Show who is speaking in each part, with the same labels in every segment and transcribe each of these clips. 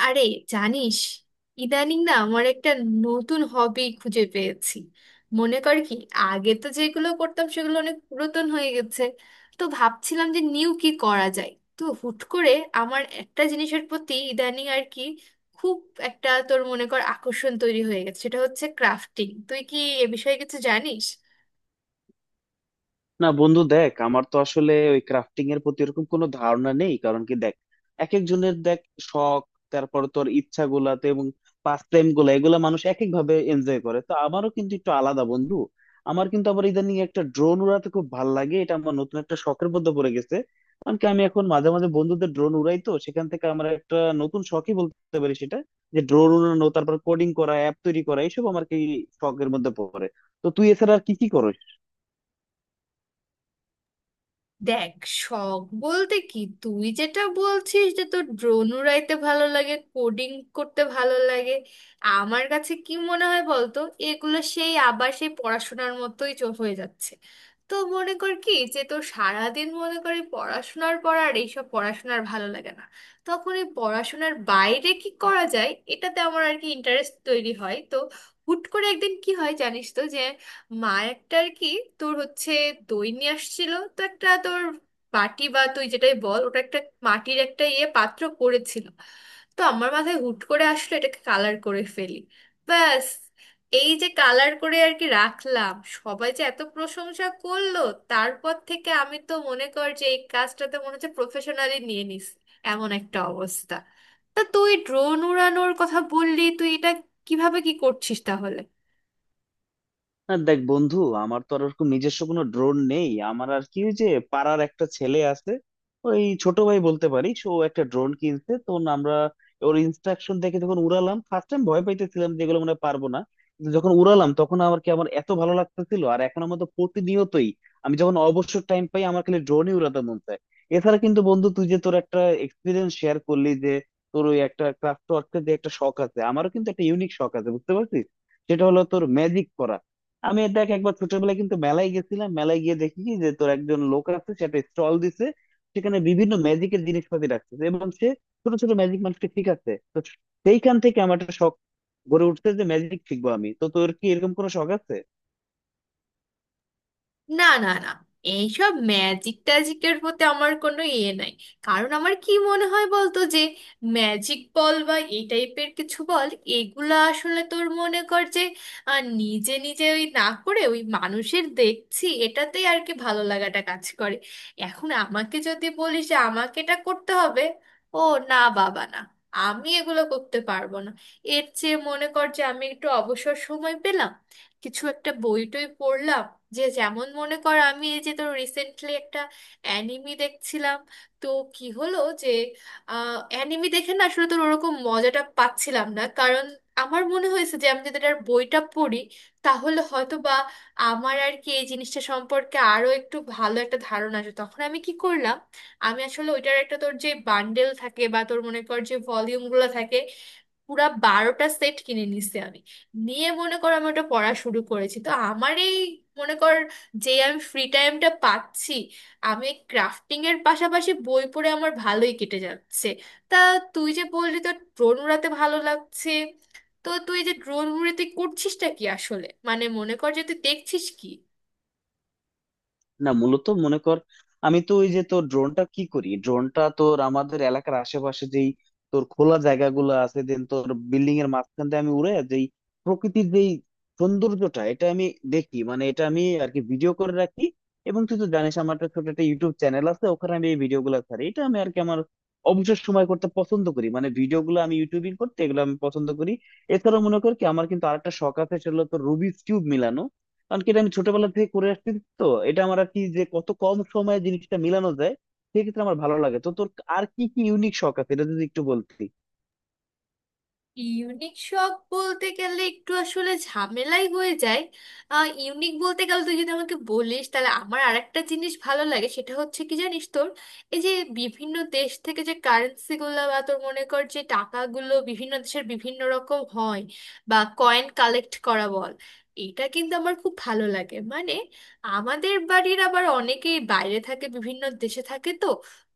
Speaker 1: আরে, জানিস, ইদানিং না আমার একটা নতুন হবি খুঁজে পেয়েছি। মনে কর কি, আগে তো যেগুলো করতাম সেগুলো অনেক পুরাতন হয়ে গেছে। তো ভাবছিলাম যে নিউ কি করা যায়। তো হুট করে আমার একটা জিনিসের প্রতি ইদানিং আর কি খুব একটা তোর মনে কর আকর্ষণ তৈরি হয়ে গেছে, সেটা হচ্ছে ক্রাফটিং। তুই কি এ বিষয়ে কিছু জানিস?
Speaker 2: না বন্ধু, দেখ আমার তো আসলে ওই ক্রাফটিং এর প্রতি এরকম কোনো ধারণা নেই। কারণ কি দেখ, এক একজনের দেখ শখ, তারপর তোর ইচ্ছা গুলাতে এবং পাস টাইম গুলা এগুলা মানুষ এক এক ভাবে এনজয় করে। তো আমারও কিন্তু একটু আলাদা বন্ধু। আমার কিন্তু আবার ইদানিং একটা ড্রোন উড়াতে খুব ভাল লাগে, এটা আমার নতুন একটা শখের মধ্যে পড়ে গেছে। কারণ কি আমি এখন মাঝে মাঝে বন্ধুদের ড্রোন উড়াই, তো সেখান থেকে আমার একটা নতুন শখই বলতে পারি সেটা, যে ড্রোন উড়ানো, তারপর কোডিং করা, অ্যাপ তৈরি করা, এইসব আমার কি শখের মধ্যে পড়ে। তো তুই এছাড়া আর কি কি করো?
Speaker 1: দেখ, শখ বলতে কি, তুই যেটা বলছিস যে তোর ড্রোন উড়াইতে ভালো লাগে, কোডিং করতে ভালো লাগে, আমার কাছে কি মনে হয় বলতো, এগুলো সেই আবার সেই পড়াশোনার মতোই হয়ে যাচ্ছে। তো মনে কর কি, যে তোর সারাদিন মনে করি পড়াশোনার পর আর এইসব পড়াশোনার ভালো লাগে না, তখন এই পড়াশোনার বাইরে কি করা যায় এটাতে আমার আর কি ইন্টারেস্ট তৈরি হয়। তো হুট করে একদিন কি হয় জানিস তো, যে মা একটা আর কি তোর হচ্ছে দই নিয়ে আসছিল তো একটা তোর বাটি, বা তুই যেটাই বল, ওটা একটা মাটির একটা ইয়ে পাত্র করেছিল। তো আমার মাথায় হুট করে আসলো এটাকে কালার করে ফেলি। ব্যাস, এই যে কালার করে আর কি রাখলাম, সবাই যে এত প্রশংসা করলো, তারপর থেকে আমি তো মনে কর যে এই কাজটাতে মনে হচ্ছে প্রফেশনালি নিয়ে নিস, এমন একটা অবস্থা। তা তুই ড্রোন উড়ানোর কথা বললি, তুই এটা কিভাবে কি করছিস তাহলে?
Speaker 2: না দেখ বন্ধু, আমার তো আর ওরকম নিজস্ব কোনো ড্রোন নেই। আমার আর কি ওই যে পাড়ার একটা ছেলে আছে, ওই ছোট ভাই বলতে পারিস, ও একটা ড্রোন কিনছে, তখন আমরা ওর ইনস্ট্রাকশন দেখে যখন উড়ালাম ফার্স্ট টাইম, ভয় পাইতেছিলাম, যেগুলো মনে হয় পারবো না। কিন্তু যখন উড়ালাম তখন আমার কি আমার এত ভালো লাগতেছিল, আর এখন আমার তো প্রতিনিয়তই, আমি যখন অবসর টাইম পাই আমার খালি ড্রোনই উড়াতে মন চায়। এছাড়া কিন্তু বন্ধু, তুই যে তোর একটা এক্সপিরিয়েন্স শেয়ার করলি যে তোর ওই একটা ক্রাফট ওয়ার্কের যে একটা শখ আছে, আমারও কিন্তু একটা ইউনিক শখ আছে, বুঝতে পারছিস? সেটা হলো তোর ম্যাজিক করা। আমি দেখ একবার ছোটবেলায় কিন্তু মেলায় গেছিলাম, মেলায় গিয়ে দেখি কি যে তোর একজন লোক আছে, সেটা স্টল দিছে, সেখানে বিভিন্ন ম্যাজিকের জিনিসপাতি রাখছে এবং সে ছোট ছোট ম্যাজিক মানুষকে শিখাচ্ছে। তো সেইখান থেকে আমার একটা শখ গড়ে উঠছে যে ম্যাজিক শিখবো আমি। তো তোর কি এরকম কোনো শখ আছে?
Speaker 1: না, না, না, এইসব ম্যাজিক ট্যাজিকের প্রতি আমার কোনো ইয়ে নাই। কারণ আমার কি মনে হয় বলতো, যে ম্যাজিক বল বা এই টাইপের কিছু বল, এগুলা আসলে তোর মনে কর যে নিজে নিজে ওই না করে ওই মানুষের দেখছি এটাতেই আর কি ভালো লাগাটা কাজ করে। এখন আমাকে যদি বলিস যে আমাকে এটা করতে হবে, ও, না বাবা না, আমি এগুলো করতে পারবো না। এর চেয়ে মনে কর যে আমি একটু অবসর সময় পেলাম, কিছু একটা বই টই পড়লাম। যে যেমন মনে কর, আমি এই যে তো রিসেন্টলি একটা অ্যানিমি দেখছিলাম, তো কি হলো যে অ্যানিমি দেখে না আসলে তোর ওরকম মজাটা পাচ্ছিলাম না, কারণ আমার মনে হয়েছে যে আমি যদি এটার বইটা পড়ি তাহলে হয়তো বা আমার আর কি এই জিনিসটা সম্পর্কে আরো একটু ভালো একটা ধারণা আসে। তখন আমি কি করলাম, আমি আসলে ওইটার একটা তোর যে বান্ডেল থাকে বা তোর মনে কর যে ভলিউমগুলো থাকে, পুরা 12টা সেট কিনে নিছি আমি। নিয়ে মনে কর আমি ওটা পড়া শুরু করেছি। তো আমার এই মনে কর, যে আমি ফ্রি টাইমটা পাচ্ছি, আমি ক্রাফটিং এর পাশাপাশি বই পড়ে আমার ভালোই কেটে যাচ্ছে। তা তুই যে বললি তোর ড্রোন উড়াতে ভালো লাগছে, তো তুই যে ড্রোন উড়ে তুই করছিসটা কি আসলে, মানে মনে কর যে তুই দেখছিস কি?
Speaker 2: না মূলত মনে কর, আমি তো ওই যে তোর ড্রোনটা কি করি, ড্রোনটা তোর আমাদের এলাকার আশেপাশে যেই তোর খোলা জায়গাগুলো আছে, দেন তোর বিল্ডিং এর মাঝখান দিয়ে আমি উড়ে যেই প্রকৃতির যেই সৌন্দর্যটা, এটা আমি দেখি, মানে এটা আমি আর কি ভিডিও করে রাখি। এবং তুই তো জানিস আমার একটা ছোট একটা ইউটিউব চ্যানেল আছে, ওখানে আমি এই ভিডিও গুলো ছাড়ি, এটা আমি আর কি আমার অবসর সময় করতে পছন্দ করি, মানে ভিডিও গুলো আমি ইউটিউবিং করতে এগুলো আমি পছন্দ করি। এছাড়াও মনে কর কি আমার কিন্তু আরেকটা শখ আছে, সেটা হলো তোর রুবিক্স কিউব মিলানো। কারণ কি এটা আমি ছোটবেলা থেকে করে আসছি। তো এটা আমার আর কি, যে কত কম সময়ে জিনিসটা মিলানো যায় সেক্ষেত্রে আমার ভালো লাগে। তো তোর আর কি কি ইউনিক শখ আছে এটা যদি একটু বলতি।
Speaker 1: ইউনিক শখ বলতে গেলে একটু আসলে ঝামেলাই হয়ে যায়। ইউনিক বলতে গেলে তুই যদি আমাকে বলিস, তাহলে আমার আরেকটা জিনিস ভালো লাগে, সেটা হচ্ছে কি জানিস, তোর এই যে বিভিন্ন দেশ থেকে যে কারেন্সিগুলো, বা তোর মনে কর যে টাকাগুলো বিভিন্ন দেশের বিভিন্ন রকম হয়, বা কয়েন কালেক্ট করা বল, এটা কিন্তু আমার খুব ভালো লাগে। মানে আমাদের বাড়ির আবার অনেকেই বাইরে থাকে, বিভিন্ন দেশে থাকে। তো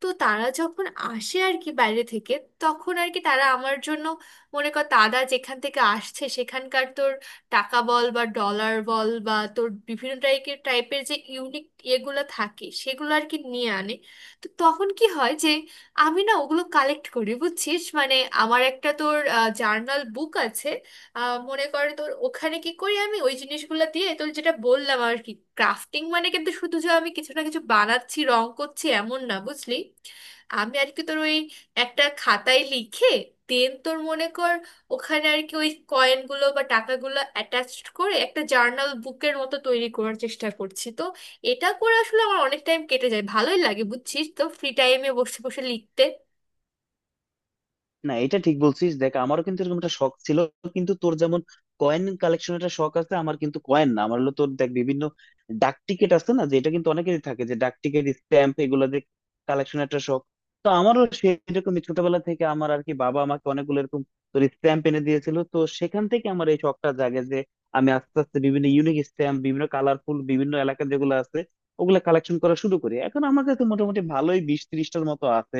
Speaker 1: তো তারা যখন আসে আর কি বাইরে থেকে, তখন আর কি তারা আমার জন্য মনে কর তারা যেখান থেকে আসছে সেখানকার তোর টাকা বল বা ডলার বল বা তোর বিভিন্ন টাইপের টাইপের যে ইউনিক এগুলো থাকে, সেগুলো আর কি নিয়ে আনে। তো তখন কি হয়, যে আমি না ওগুলো কালেক্ট করি, বুঝছিস? মানে আমার একটা তোর জার্নাল বুক আছে, মনে কর তোর ওখানে কি করি আমি, ওই জিনিসগুলো দিয়ে তোর যেটা বললাম আর কি, ক্রাফটিং মানে কিন্তু শুধু যে আমি কিছু না কিছু বানাচ্ছি রং করছি এমন না, বুঝলি। আমি আর কি তোর ওই একটা খাতায় লিখে, দেন তোর মনে কর ওখানে আর কি ওই কয়েনগুলো বা টাকাগুলো অ্যাটাচড করে একটা জার্নাল বুকের মতো তৈরি করার চেষ্টা করছি। তো এটা করে আসলে আমার অনেক টাইম কেটে যায়, ভালোই লাগে বুঝছিস, তো ফ্রি টাইমে বসে বসে লিখতে।
Speaker 2: না এটা ঠিক বলছিস, দেখ আমারও কিন্তু এরকম একটা শখ ছিল। কিন্তু তোর যেমন কয়েন কালেকশন একটা শখ আছে, আমার কিন্তু কয়েন না, আমার হলো তোর দেখ বিভিন্ন ডাক টিকিট আছে না, যে এটা কিন্তু অনেকেরই থাকে যে ডাক টিকিট স্ট্যাম্প, এগুলো যে কালেকশন একটা শখ। তো আমারও সেরকমই, ছোটবেলা থেকে আমার আর কি বাবা আমাকে অনেকগুলো এরকম তোর স্ট্যাম্প এনে দিয়েছিল, তো সেখান থেকে আমার এই শখটা জাগে যে আমি আস্তে আস্তে বিভিন্ন ইউনিক স্ট্যাম্প, বিভিন্ন কালারফুল, বিভিন্ন এলাকার যেগুলো আছে ওগুলা কালেকশন করা শুরু করি। এখন আমার কাছে মোটামুটি ভালোই 20-30টার মতো আছে।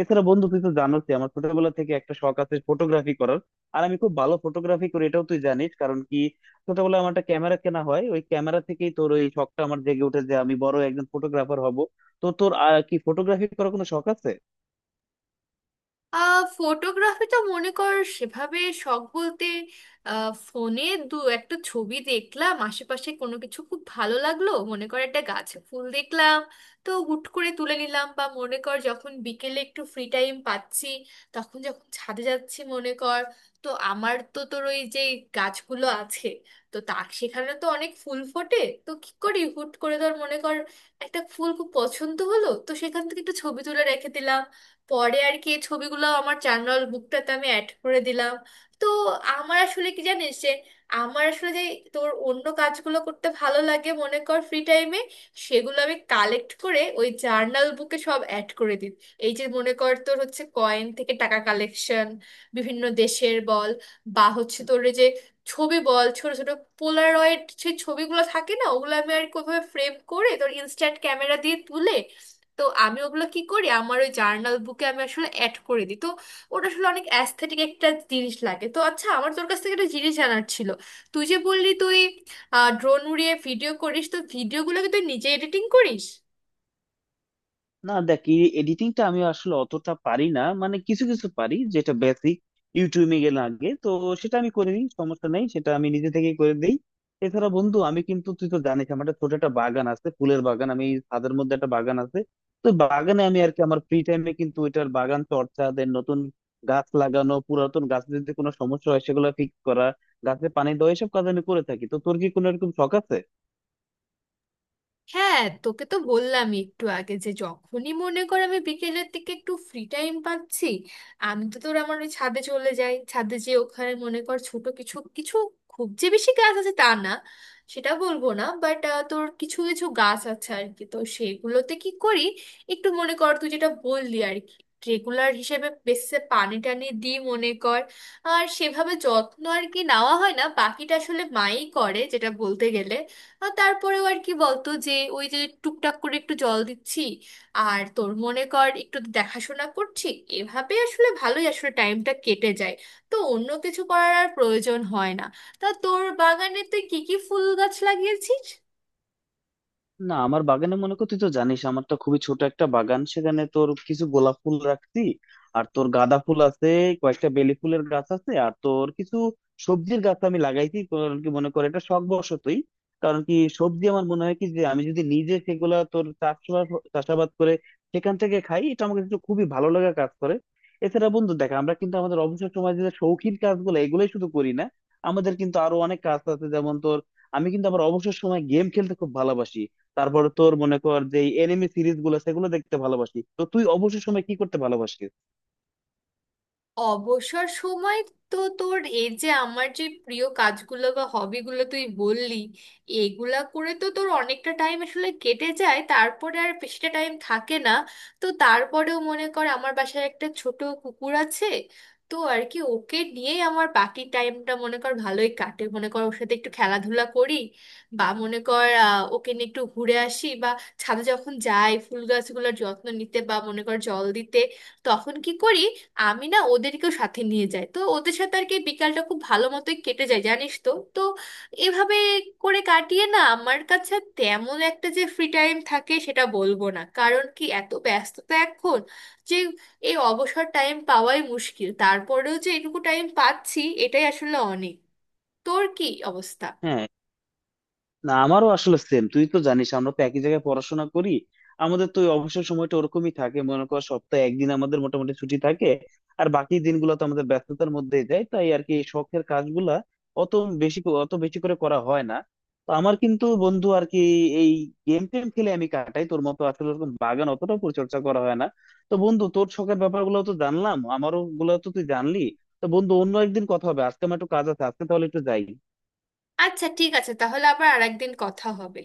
Speaker 2: এছাড়া বন্ধু তুই তো জানোস যে আমার ছোটবেলা থেকে একটা শখ আছে ফটোগ্রাফি করার, আর আমি খুব ভালো ফটোগ্রাফি করি, এটাও তুই জানিস। কারণ কি ছোটবেলায় আমার একটা ক্যামেরা কেনা হয়, ওই ক্যামেরা থেকেই তোর ওই শখটা আমার জেগে উঠে যে আমি বড় একজন ফটোগ্রাফার হব। তো তোর কি ফটোগ্রাফি করার কোনো শখ আছে?
Speaker 1: ফটোগ্রাফি তো মনে কর সেভাবে শখ বলতে, ফোনে দু একটা ছবি দেখলাম আশেপাশে কোনো কিছু খুব ভালো লাগলো, মনে কর একটা গাছে ফুল দেখলাম, তো হুট করে তুলে নিলাম। বা মনে কর যখন বিকেলে একটু ফ্রি টাইম পাচ্ছি, তখন যখন ছাদে যাচ্ছি মনে কর, তো আমার তো তোর ওই যে গাছগুলো আছে, তো তার সেখানে তো অনেক ফুল ফোটে, তো কি করি হুট করে ধর মনে কর একটা ফুল খুব পছন্দ হলো, তো সেখান থেকে একটু ছবি তুলে রেখে দিলাম। পরে আর কি এই ছবিগুলো আমার জার্নাল বুকটাতে আমি অ্যাড করে দিলাম। তো আমার আসলে কি জানিস, যে আমার আসলে যে তোর অন্য কাজগুলো করতে ভালো লাগে মনে কর ফ্রি টাইমে, সেগুলো আমি কালেক্ট করে ওই জার্নাল বুকে সব অ্যাড করে দিই। এই যে মনে কর তোর হচ্ছে কয়েন থেকে টাকা কালেকশন, বিভিন্ন দেশের বল, বা হচ্ছে তোর এই যে ছবি বল, ছোট ছোট পোলারয়েড সেই ছবিগুলো থাকে না, ওগুলো আমি আর কিভাবে ফ্রেম করে তোর ইনস্ট্যান্ট ক্যামেরা দিয়ে তুলে, তো আমি ওগুলো কি করি আমার ওই জার্নাল বুকে আমি আসলে অ্যাড করে দিই। তো ওটা আসলে অনেক অ্যাস্থেটিক একটা জিনিস লাগে। তো আচ্ছা, আমার তোর কাছ থেকে একটা জিনিস জানার ছিল, তুই যে বললি তুই ড্রোন উড়িয়ে ভিডিও করিস, তো ভিডিওগুলো কি তুই নিজে এডিটিং করিস?
Speaker 2: না দেখ, এডিটিংটা আমি আসলে অতটা পারি না, মানে কিছু কিছু পারি যেটা বেসিক, ইউটিউবে গেলে আগে তো সেটা আমি করে দিই, সমস্যা নেই, সেটা আমি নিজে থেকেই করে দিই। এছাড়া বন্ধু আমি কিন্তু, তুই তো জানিস আমার একটা ছোট একটা বাগান আছে, ফুলের বাগান, আমি ছাদের মধ্যে একটা বাগান আছে। তো বাগানে আমি আর কি আমার ফ্রি টাইমে কিন্তু এটার বাগান চর্চা, দেন নতুন গাছ লাগানো, পুরাতন গাছের যদি কোনো সমস্যা হয় সেগুলো ফিক্স করা, গাছে পানি দেওয়া, এসব কাজ আমি করে থাকি। তো তোর কি কোনো এরকম শখ আছে?
Speaker 1: হ্যাঁ, তোকে তো বললাম একটু আগে যে যখনই মনে কর আমি বিকেলের দিকে একটু ফ্রি টাইম পাচ্ছি, আমি তো তোর আমার ওই ছাদে চলে যাই। ছাদে যে ওখানে মনে কর ছোট কিছু কিছু, খুব যে বেশি গাছ আছে তা না, সেটা বলবো না, বাট তোর কিছু কিছু গাছ আছে আর কি, তো সেগুলোতে কি করি একটু মনে কর তুই যেটা বললি আর কি, রেগুলার হিসেবে বেসে পানি টানি দিই মনে কর। আর সেভাবে যত্ন আর কি নেওয়া হয় না, বাকিটা আসলে মাই করে যেটা বলতে গেলে। আর তারপরেও আর কি বলতো যে ওই যে টুকটাক করে একটু জল দিচ্ছি, আর তোর মনে কর একটু দেখাশোনা করছি, এভাবে আসলে ভালোই আসলে টাইমটা কেটে যায়। তো অন্য কিছু করার আর প্রয়োজন হয় না। তা তোর বাগানে তুই কি কি ফুল গাছ লাগিয়েছিস?
Speaker 2: না আমার বাগানে মনে কর, তুই তো জানিস আমার তো খুবই ছোট একটা বাগান, সেখানে তোর কিছু গোলাপ ফুল রাখছি, আর তোর গাঁদা ফুল আছে, কয়েকটা বেলি ফুলের গাছ আছে, আর তোর কিছু সবজির গাছ আমি লাগাইছি। কারণ কি মনে করে এটা শখ বশতই, কারণ কি সবজি আমার মনে হয় কি যে আমি যদি নিজে সেগুলা তোর চাষবাস চাষাবাদ করে সেখান থেকে খাই, এটা আমাকে একটু খুবই ভালো লাগা কাজ করে। এছাড়া বন্ধু দেখ, আমরা কিন্তু আমাদের অবসর সময় যে শৌখিন কাজগুলো এগুলোই শুধু করি না, আমাদের কিন্তু আরো অনেক কাজ আছে, যেমন তোর আমি কিন্তু আমার অবসর সময় গেম খেলতে খুব ভালোবাসি। তারপর তোর মনে কর যে এনিমে সিরিজ গুলো সেগুলো দেখতে ভালোবাসি। তো তুই অবসর সময় কি করতে ভালোবাসিস?
Speaker 1: অবসর সময়, তো তোর এই যে আমার যে প্রিয় কাজগুলো বা হবিগুলো তুই বললি, এগুলা করে তো তোর অনেকটা টাইম আসলে কেটে যায়, তারপরে আর বেশিটা টাইম থাকে না। তো তারপরেও মনে কর আমার বাসায় একটা ছোট কুকুর আছে, তো আর কি ওকে নিয়েই আমার বাকি টাইমটা মনে কর ভালোই কাটে, মনে কর ওর সাথে একটু খেলাধুলা করি, বা মনে কর ওকে নিয়ে একটু ঘুরে আসি, বা ছাদে যখন যাই ফুল গাছগুলোর যত্ন নিতে বা মনে কর জল দিতে, তখন কি করি আমি না ওদেরকেও সাথে নিয়ে যাই। তো ওদের সাথে আর কি বিকালটা খুব ভালো মতোই কেটে যায় জানিস তো তো এভাবে করে কাটিয়ে না আমার কাছে তেমন একটা যে ফ্রি টাইম থাকে সেটা বলবো না, কারণ কি এত ব্যস্ততা এখন, যে এই অবসর টাইম পাওয়াই মুশকিল, তারপরেও যে এটুকু টাইম পাচ্ছি এটাই আসলে অনেক। তোর কি অবস্থা?
Speaker 2: হ্যাঁ, না আমারও আসলে সেম, তুই তো জানিস আমরা তো একই জায়গায় পড়াশোনা করি, আমাদের তো ওই অবসর সময়টা ওরকমই থাকে, মনে কর সপ্তাহে একদিন আমাদের মোটামুটি ছুটি থাকে, আর বাকি দিনগুলো তো আমাদের ব্যস্ততার মধ্যেই যায়। তাই আর কি শখের কাজগুলা অত বেশি অত বেশি করে করা হয় না। তো আমার কিন্তু বন্ধু আর কি এই গেম টেম খেলে আমি কাটাই, তোর মতো আসলে ওরকম বাগান অতটাও পরিচর্যা করা হয় না। তো বন্ধু, তোর শখের ব্যাপারগুলো তো জানলাম, আমারও গুলো তো তুই জানলি। তো বন্ধু অন্য একদিন কথা হবে, আজকে আমার একটু কাজ আছে, আজকে তাহলে একটু যাই।
Speaker 1: আচ্ছা ঠিক আছে, তাহলে আবার আরেকদিন কথা হবে।